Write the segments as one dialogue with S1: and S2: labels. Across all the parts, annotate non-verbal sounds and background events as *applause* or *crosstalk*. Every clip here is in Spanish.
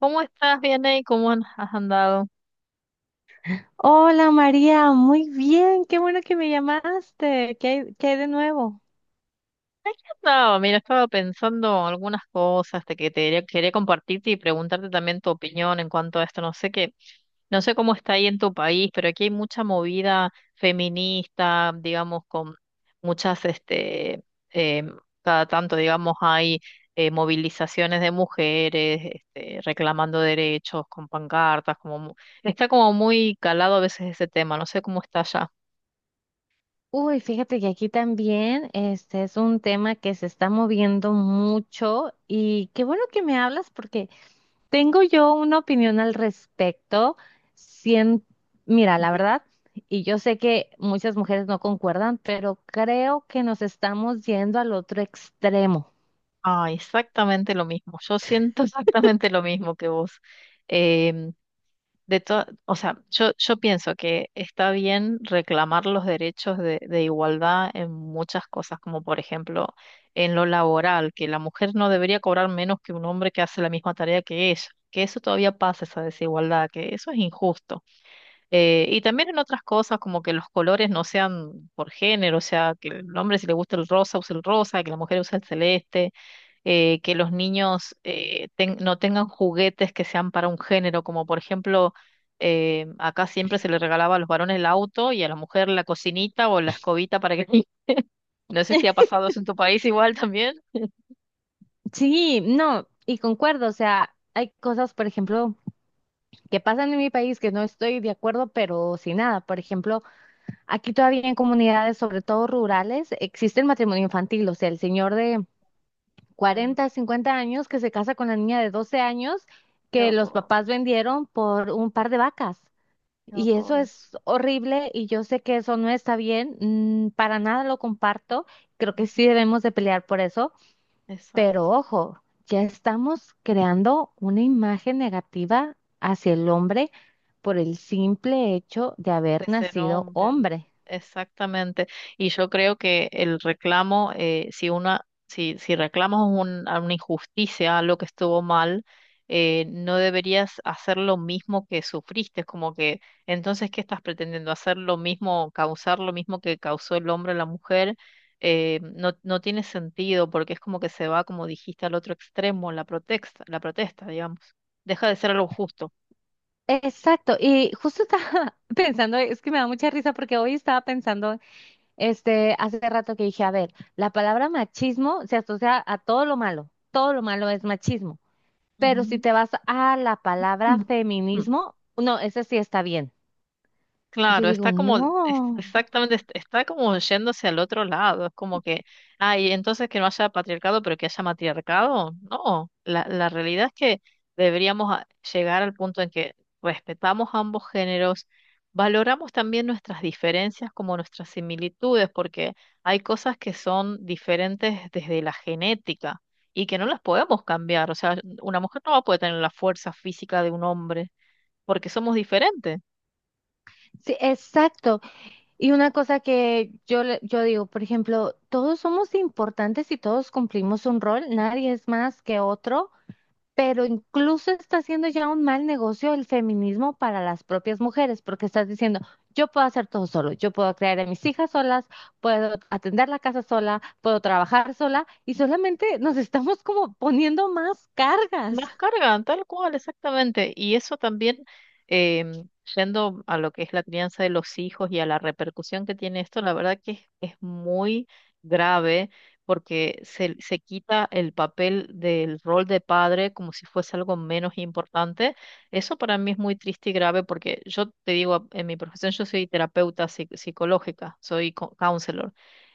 S1: ¿Cómo estás? Bien ahí, ¿cómo has andado?
S2: Hola María, muy bien, qué bueno que me llamaste. Qué hay de nuevo?
S1: Aquí andaba, mira, estaba pensando algunas cosas de que te quería compartirte y preguntarte también tu opinión en cuanto a esto. No sé cómo está ahí en tu país, pero aquí hay mucha movida feminista, digamos, con muchas, este, em, cada tanto, digamos, hay movilizaciones de mujeres, este, reclamando derechos con pancartas, está como muy calado a veces ese tema. No sé cómo está allá.
S2: Uy, fíjate que aquí también este es un tema que se está moviendo mucho y qué bueno que me hablas porque tengo yo una opinión al respecto. Sien- Mira, la verdad, y yo sé que muchas mujeres no concuerdan, pero creo que nos estamos yendo al otro extremo.
S1: Ah, exactamente lo mismo. Yo siento *laughs* exactamente lo mismo que vos. Em, de to- o sea, yo pienso que está bien reclamar los derechos de igualdad en muchas cosas, como por ejemplo en lo laboral, que la mujer no debería cobrar menos que un hombre que hace la misma tarea que ella, que eso todavía pasa, esa desigualdad, que eso es injusto. Y también en otras cosas, como que los colores no sean por género, o sea, que el hombre si le gusta el rosa use el rosa, que la mujer use el celeste que los niños no tengan juguetes que sean para un género, como por ejemplo, acá siempre se le regalaba a los varones el auto y a la mujer la cocinita o la escobita para que… *laughs* No sé si ha pasado eso en tu país igual también.
S2: Sí, no, y concuerdo, o sea, hay cosas, por ejemplo, que pasan en mi país que no estoy de acuerdo, pero sin nada. Por ejemplo, aquí todavía en comunidades, sobre todo rurales, existe el matrimonio infantil, o sea, el señor de
S1: Em,
S2: 40, 50 años que se casa con la niña de 12 años
S1: Qué
S2: que los
S1: horror,
S2: papás vendieron por un par de vacas.
S1: qué
S2: Y eso
S1: horror eso.
S2: es horrible y yo sé que
S1: Sí,
S2: eso no está bien, para nada lo comparto, creo que sí
S1: ujú,
S2: debemos de pelear por eso, pero
S1: exacto.
S2: ojo, ya estamos creando una imagen negativa hacia el hombre por el simple hecho de
S1: De
S2: haber
S1: ser
S2: nacido
S1: hombre,
S2: hombre.
S1: exactamente. Y yo creo que el reclamo, si reclamas a una injusticia, algo que estuvo mal, no deberías hacer lo mismo que sufriste. Es como que, entonces, ¿qué estás pretendiendo? ¿Hacer lo mismo, causar lo mismo que causó el hombre a la mujer? No tiene sentido porque es como que se va, como dijiste, al otro extremo, la protesta, digamos. Deja de ser algo justo.
S2: Exacto, y justo estaba *laughs* pensando, es que me da mucha risa porque hoy estaba pensando, hace rato que dije, a ver, la palabra machismo se asocia a todo lo malo es machismo, pero si
S1: Ujú.
S2: te vas a la palabra
S1: Mm.
S2: feminismo, no, ese sí está bien. Y yo
S1: Claro,
S2: digo,
S1: está como,
S2: no,
S1: exactamente, está como yéndose al otro lado, es como que, ay, entonces que no haya patriarcado, pero que haya matriarcado. No, la realidad es que deberíamos llegar al punto en que respetamos ambos géneros, valoramos también nuestras diferencias como nuestras similitudes, porque hay cosas que son diferentes desde la genética y que no las podemos cambiar, o sea, una mujer no va a poder tener la fuerza física de un hombre porque somos diferentes.
S2: sí, exacto. Y una cosa que yo, yo digo, por ejemplo, todos somos importantes y todos cumplimos un rol, nadie es más que otro, pero incluso está haciendo ya un mal negocio el feminismo para las propias mujeres, porque estás diciendo, yo puedo hacer todo solo, yo puedo crear a mis hijas solas, puedo atender la casa sola, puedo trabajar sola, y solamente nos estamos como poniendo más cargas.
S1: Más carga tal cual, exactamente. Em, yendo a lo que es la crianza de los hijos y a la repercusión que tiene esto, la verdad que es muy grave porque se quita el papel del rol de padre como si fuese algo menos importante. Eso para mí es muy triste y grave porque yo te digo, en mi profesión yo soy terapeuta psicológica, soy counselor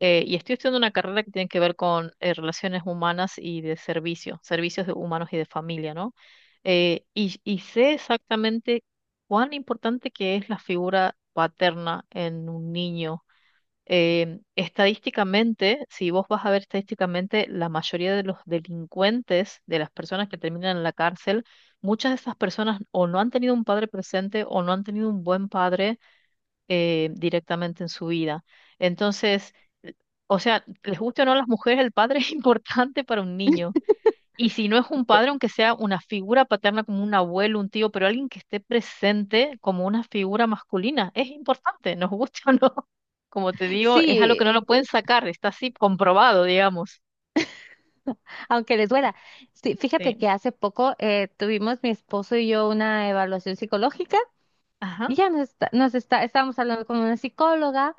S1: y estoy estudiando una carrera que tiene que ver con relaciones humanas y de servicio, servicios de humanos y de familia, ¿no? Y sé exactamente cuán importante que es la figura paterna en un niño. Estadísticamente, si vos vas a ver estadísticamente, la mayoría de los delincuentes, de las personas que terminan en la cárcel, muchas de esas personas o no han tenido un padre presente o no han tenido un buen padre directamente en su vida. Entonces, l- o sea, les guste o no a las mujeres, el padre *laughs* es importante para un niño. Y si no es un
S2: Eh,
S1: padre, aunque sea una figura paterna como un abuelo, un tío, pero alguien que esté presente como una figura masculina, es importante, nos guste *laughs* o no. Como te digo, es algo
S2: Sí,
S1: que no lo pueden sacar, está así comprobado, digamos.
S2: aunque les duela. Sí, fíjate
S1: Sí.
S2: que hace poco tuvimos mi esposo y yo una evaluación psicológica y
S1: Ajá,
S2: ya estábamos hablando con una psicóloga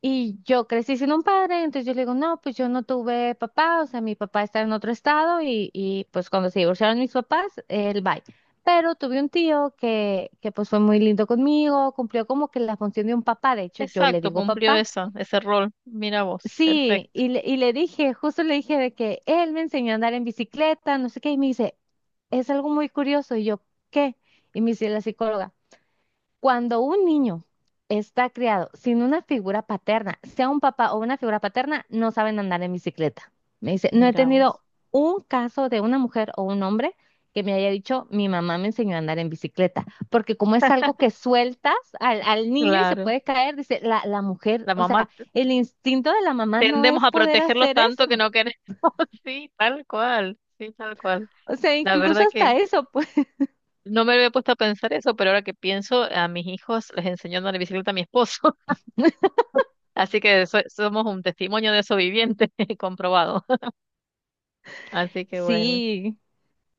S2: y yo crecí sin un padre, entonces yo le digo, no, pues yo no tuve papá, o sea, mi papá está en otro estado y pues cuando se divorciaron mis papás, él va. Pero tuve un tío que pues fue muy lindo conmigo, cumplió como que la función de un papá, de hecho yo le
S1: exacto,
S2: digo
S1: cumplió
S2: papá.
S1: eso, ese rol. Mira vos,
S2: Sí,
S1: perfecto.
S2: y le dije, justo le dije de que él me enseñó a andar en bicicleta, no sé qué, y me dice, es algo muy curioso, y yo, ¿qué? Y me dice la psicóloga. Cuando un niño está criado sin una figura paterna, sea un papá o una figura paterna, no saben andar en bicicleta. Me dice, no he
S1: Mira vos.
S2: tenido un caso de una mujer o un hombre que me haya dicho, mi mamá me enseñó a andar en bicicleta, porque como es algo que sueltas al niño y se
S1: Claro.
S2: puede caer, dice, la mujer,
S1: La
S2: o
S1: mamá
S2: sea, el instinto de la mamá no
S1: tendemos
S2: es
S1: a
S2: poder
S1: protegerlos
S2: hacer
S1: tanto que
S2: eso.
S1: no queremos. *laughs* Sí, tal cual, sí, tal cual.
S2: O sea,
S1: La
S2: incluso
S1: verdad que
S2: hasta eso, pues,
S1: no me había puesto a pensar eso, pero ahora que pienso, a mis hijos les enseñó a andar en bicicleta a mi esposo,
S2: *laughs*
S1: *laughs* así que somos un testimonio de eso viviente, *laughs* comprobado. *laughs* Así que bueno.
S2: sí.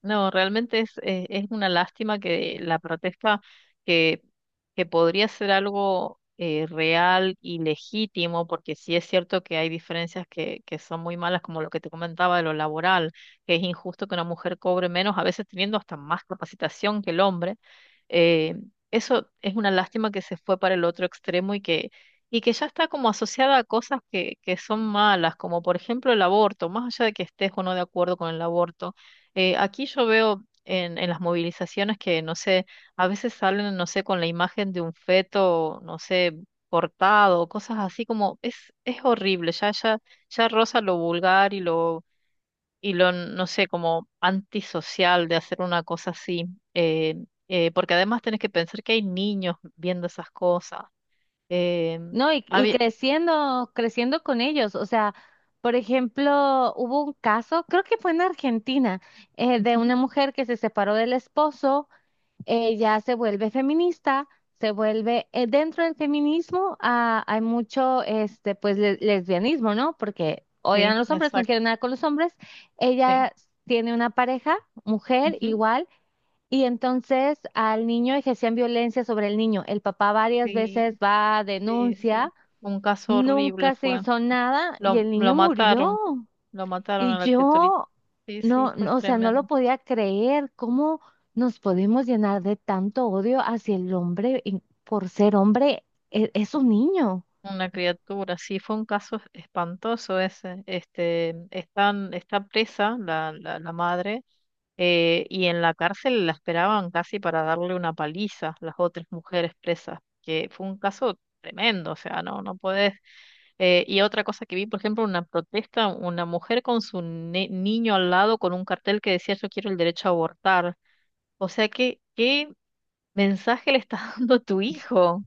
S1: No, realmente es una lástima que la protesta, que, que podría ser algo real y legítimo, porque sí es cierto que hay diferencias que son muy malas, como lo que te comentaba de lo laboral, que es injusto que una mujer cobre menos, a veces teniendo hasta más capacitación que el hombre. Eh, Eso es una lástima que se fue para el otro extremo y que ya está como asociada a cosas que son malas, como por ejemplo el aborto, más allá de que estés o no de acuerdo con el aborto. Aquí yo veo en las movilizaciones que, no sé, a veces salen, no sé, con la imagen de un feto, no sé, cortado, cosas así es horrible, ya roza lo vulgar y lo, no sé, como antisocial de hacer una cosa así. eh, Porque además tenés que pensar que hay niños viendo esas cosas. Eh,
S2: No, y
S1: había,
S2: creciendo, creciendo con ellos. O sea, por ejemplo, hubo un caso, creo que fue en Argentina, de
S1: Ujú,
S2: una mujer que se separó del esposo, ella se vuelve feminista, se vuelve, dentro del feminismo hay mucho, pues, lesbianismo, ¿no? Porque odian
S1: sí,
S2: a los hombres, no
S1: exacto,
S2: quieren nada con los hombres.
S1: sí.
S2: Ella tiene una pareja, mujer,
S1: Ujú,
S2: igual. Y entonces al niño ejercían violencia sobre el niño. El papá varias veces
S1: sí,
S2: va,
S1: sí, sí.
S2: denuncia.
S1: Un caso horrible
S2: Nunca se
S1: fue.
S2: hizo nada y el
S1: Lo
S2: niño murió.
S1: mataron, lo mataron
S2: Y
S1: a la criaturita.
S2: yo
S1: Sí, sí,
S2: no,
S1: fue
S2: no, o sea, no lo
S1: tremendo.
S2: podía creer. ¿Cómo nos podemos llenar de tanto odio hacia el hombre y por ser hombre? Es, un niño.
S1: Una criatura, sí, fue un caso espantoso ese. Está presa la madre y en la cárcel la esperaban casi para darle una paliza las otras mujeres presas, que fue un caso tremendo, o sea, no podés. Y otra cosa que vi, por ejemplo, una protesta, una mujer con su niño al lado con un cartel que decía yo quiero el derecho a abortar. O sea, que, qué mensaje le está *laughs* dando tu hijo. O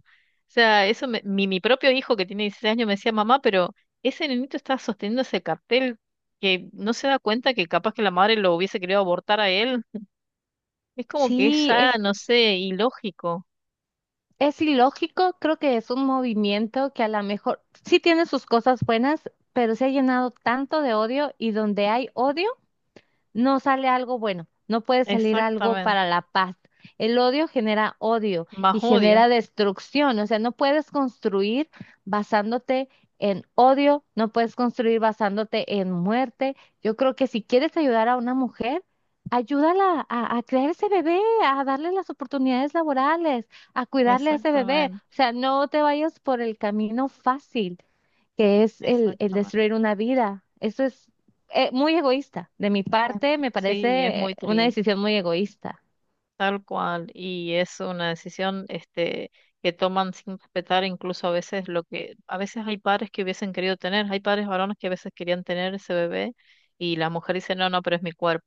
S1: sea, mi propio hijo que tiene 16 años me decía, mamá, pero ese nenito está sosteniendo ese cartel que no se da cuenta que capaz que la madre lo hubiese querido abortar a él. Es como que es
S2: Sí,
S1: ya, no sé, ilógico.
S2: es ilógico. Creo que es un movimiento que a lo mejor sí tiene sus cosas buenas, pero se ha llenado tanto de odio y donde hay odio no sale algo bueno, no puede salir algo
S1: Exactamente.
S2: para la paz. El odio genera odio
S1: Más
S2: y
S1: odio.
S2: genera destrucción, o sea, no puedes construir basándote en odio, no puedes construir basándote en muerte. Yo creo que si quieres ayudar a una mujer, ayúdala a crear ese bebé, a darle las oportunidades laborales, a cuidarle a ese bebé,
S1: Exactamente.
S2: o sea, no te vayas por el camino fácil que es el
S1: Exactamente.
S2: destruir una vida. Eso es muy egoísta. De mi
S1: Es-
S2: parte, me
S1: Sí, es
S2: parece
S1: muy
S2: una
S1: triste.
S2: decisión muy egoísta.
S1: Tal cual, y es una decisión este, que toman sin respetar incluso a veces lo que, a veces hay padres que hubiesen querido tener, hay padres varones que a veces querían tener ese bebé y la mujer dice, no, pero es mi cuerpo.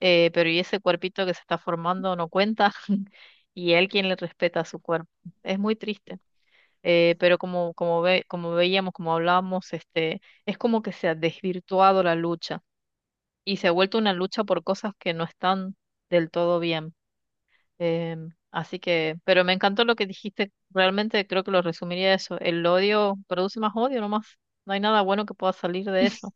S1: Pero ¿y ese cuerpito que se está formando no cuenta? *laughs* ¿Y él quien le respeta su cuerpo? Es muy triste. Como veíamos, como hablábamos, este, es como que se ha desvirtuado la lucha y se ha vuelto una lucha por cosas que no están del todo bien. Así que, pero me encantó lo que dijiste. Realmente creo que lo resumiría eso. El odio produce más odio nomás. No hay nada bueno que pueda salir de eso.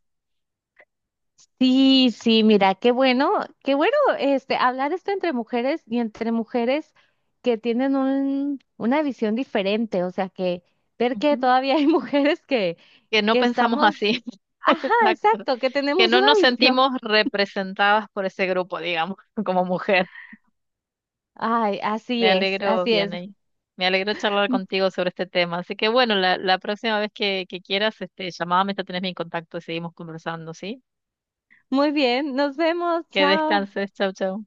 S2: Sí, sí, mira, qué bueno este hablar esto entre mujeres y entre mujeres que tienen un, una visión diferente, o sea, que ver que
S1: Ujú.
S2: todavía hay *laughs* mujeres
S1: Que no
S2: que
S1: pensamos
S2: estamos,
S1: así. *laughs*
S2: ajá,
S1: Exacto.
S2: exacto, que
S1: Que
S2: tenemos
S1: no
S2: una
S1: nos
S2: visión.
S1: sentimos representadas por ese grupo, digamos, *laughs* como mujer.
S2: Ay, así
S1: Me
S2: es,
S1: alegro,
S2: así es.
S1: Vianey. Me alegro charlar
S2: *laughs*
S1: contigo sobre este tema. Así que bueno, la próxima vez que quieras, este, llamame, ya tenés mi contacto y seguimos conversando, ¿sí?
S2: Muy bien, nos vemos,
S1: Que
S2: chao.
S1: descanses. Chau, chau.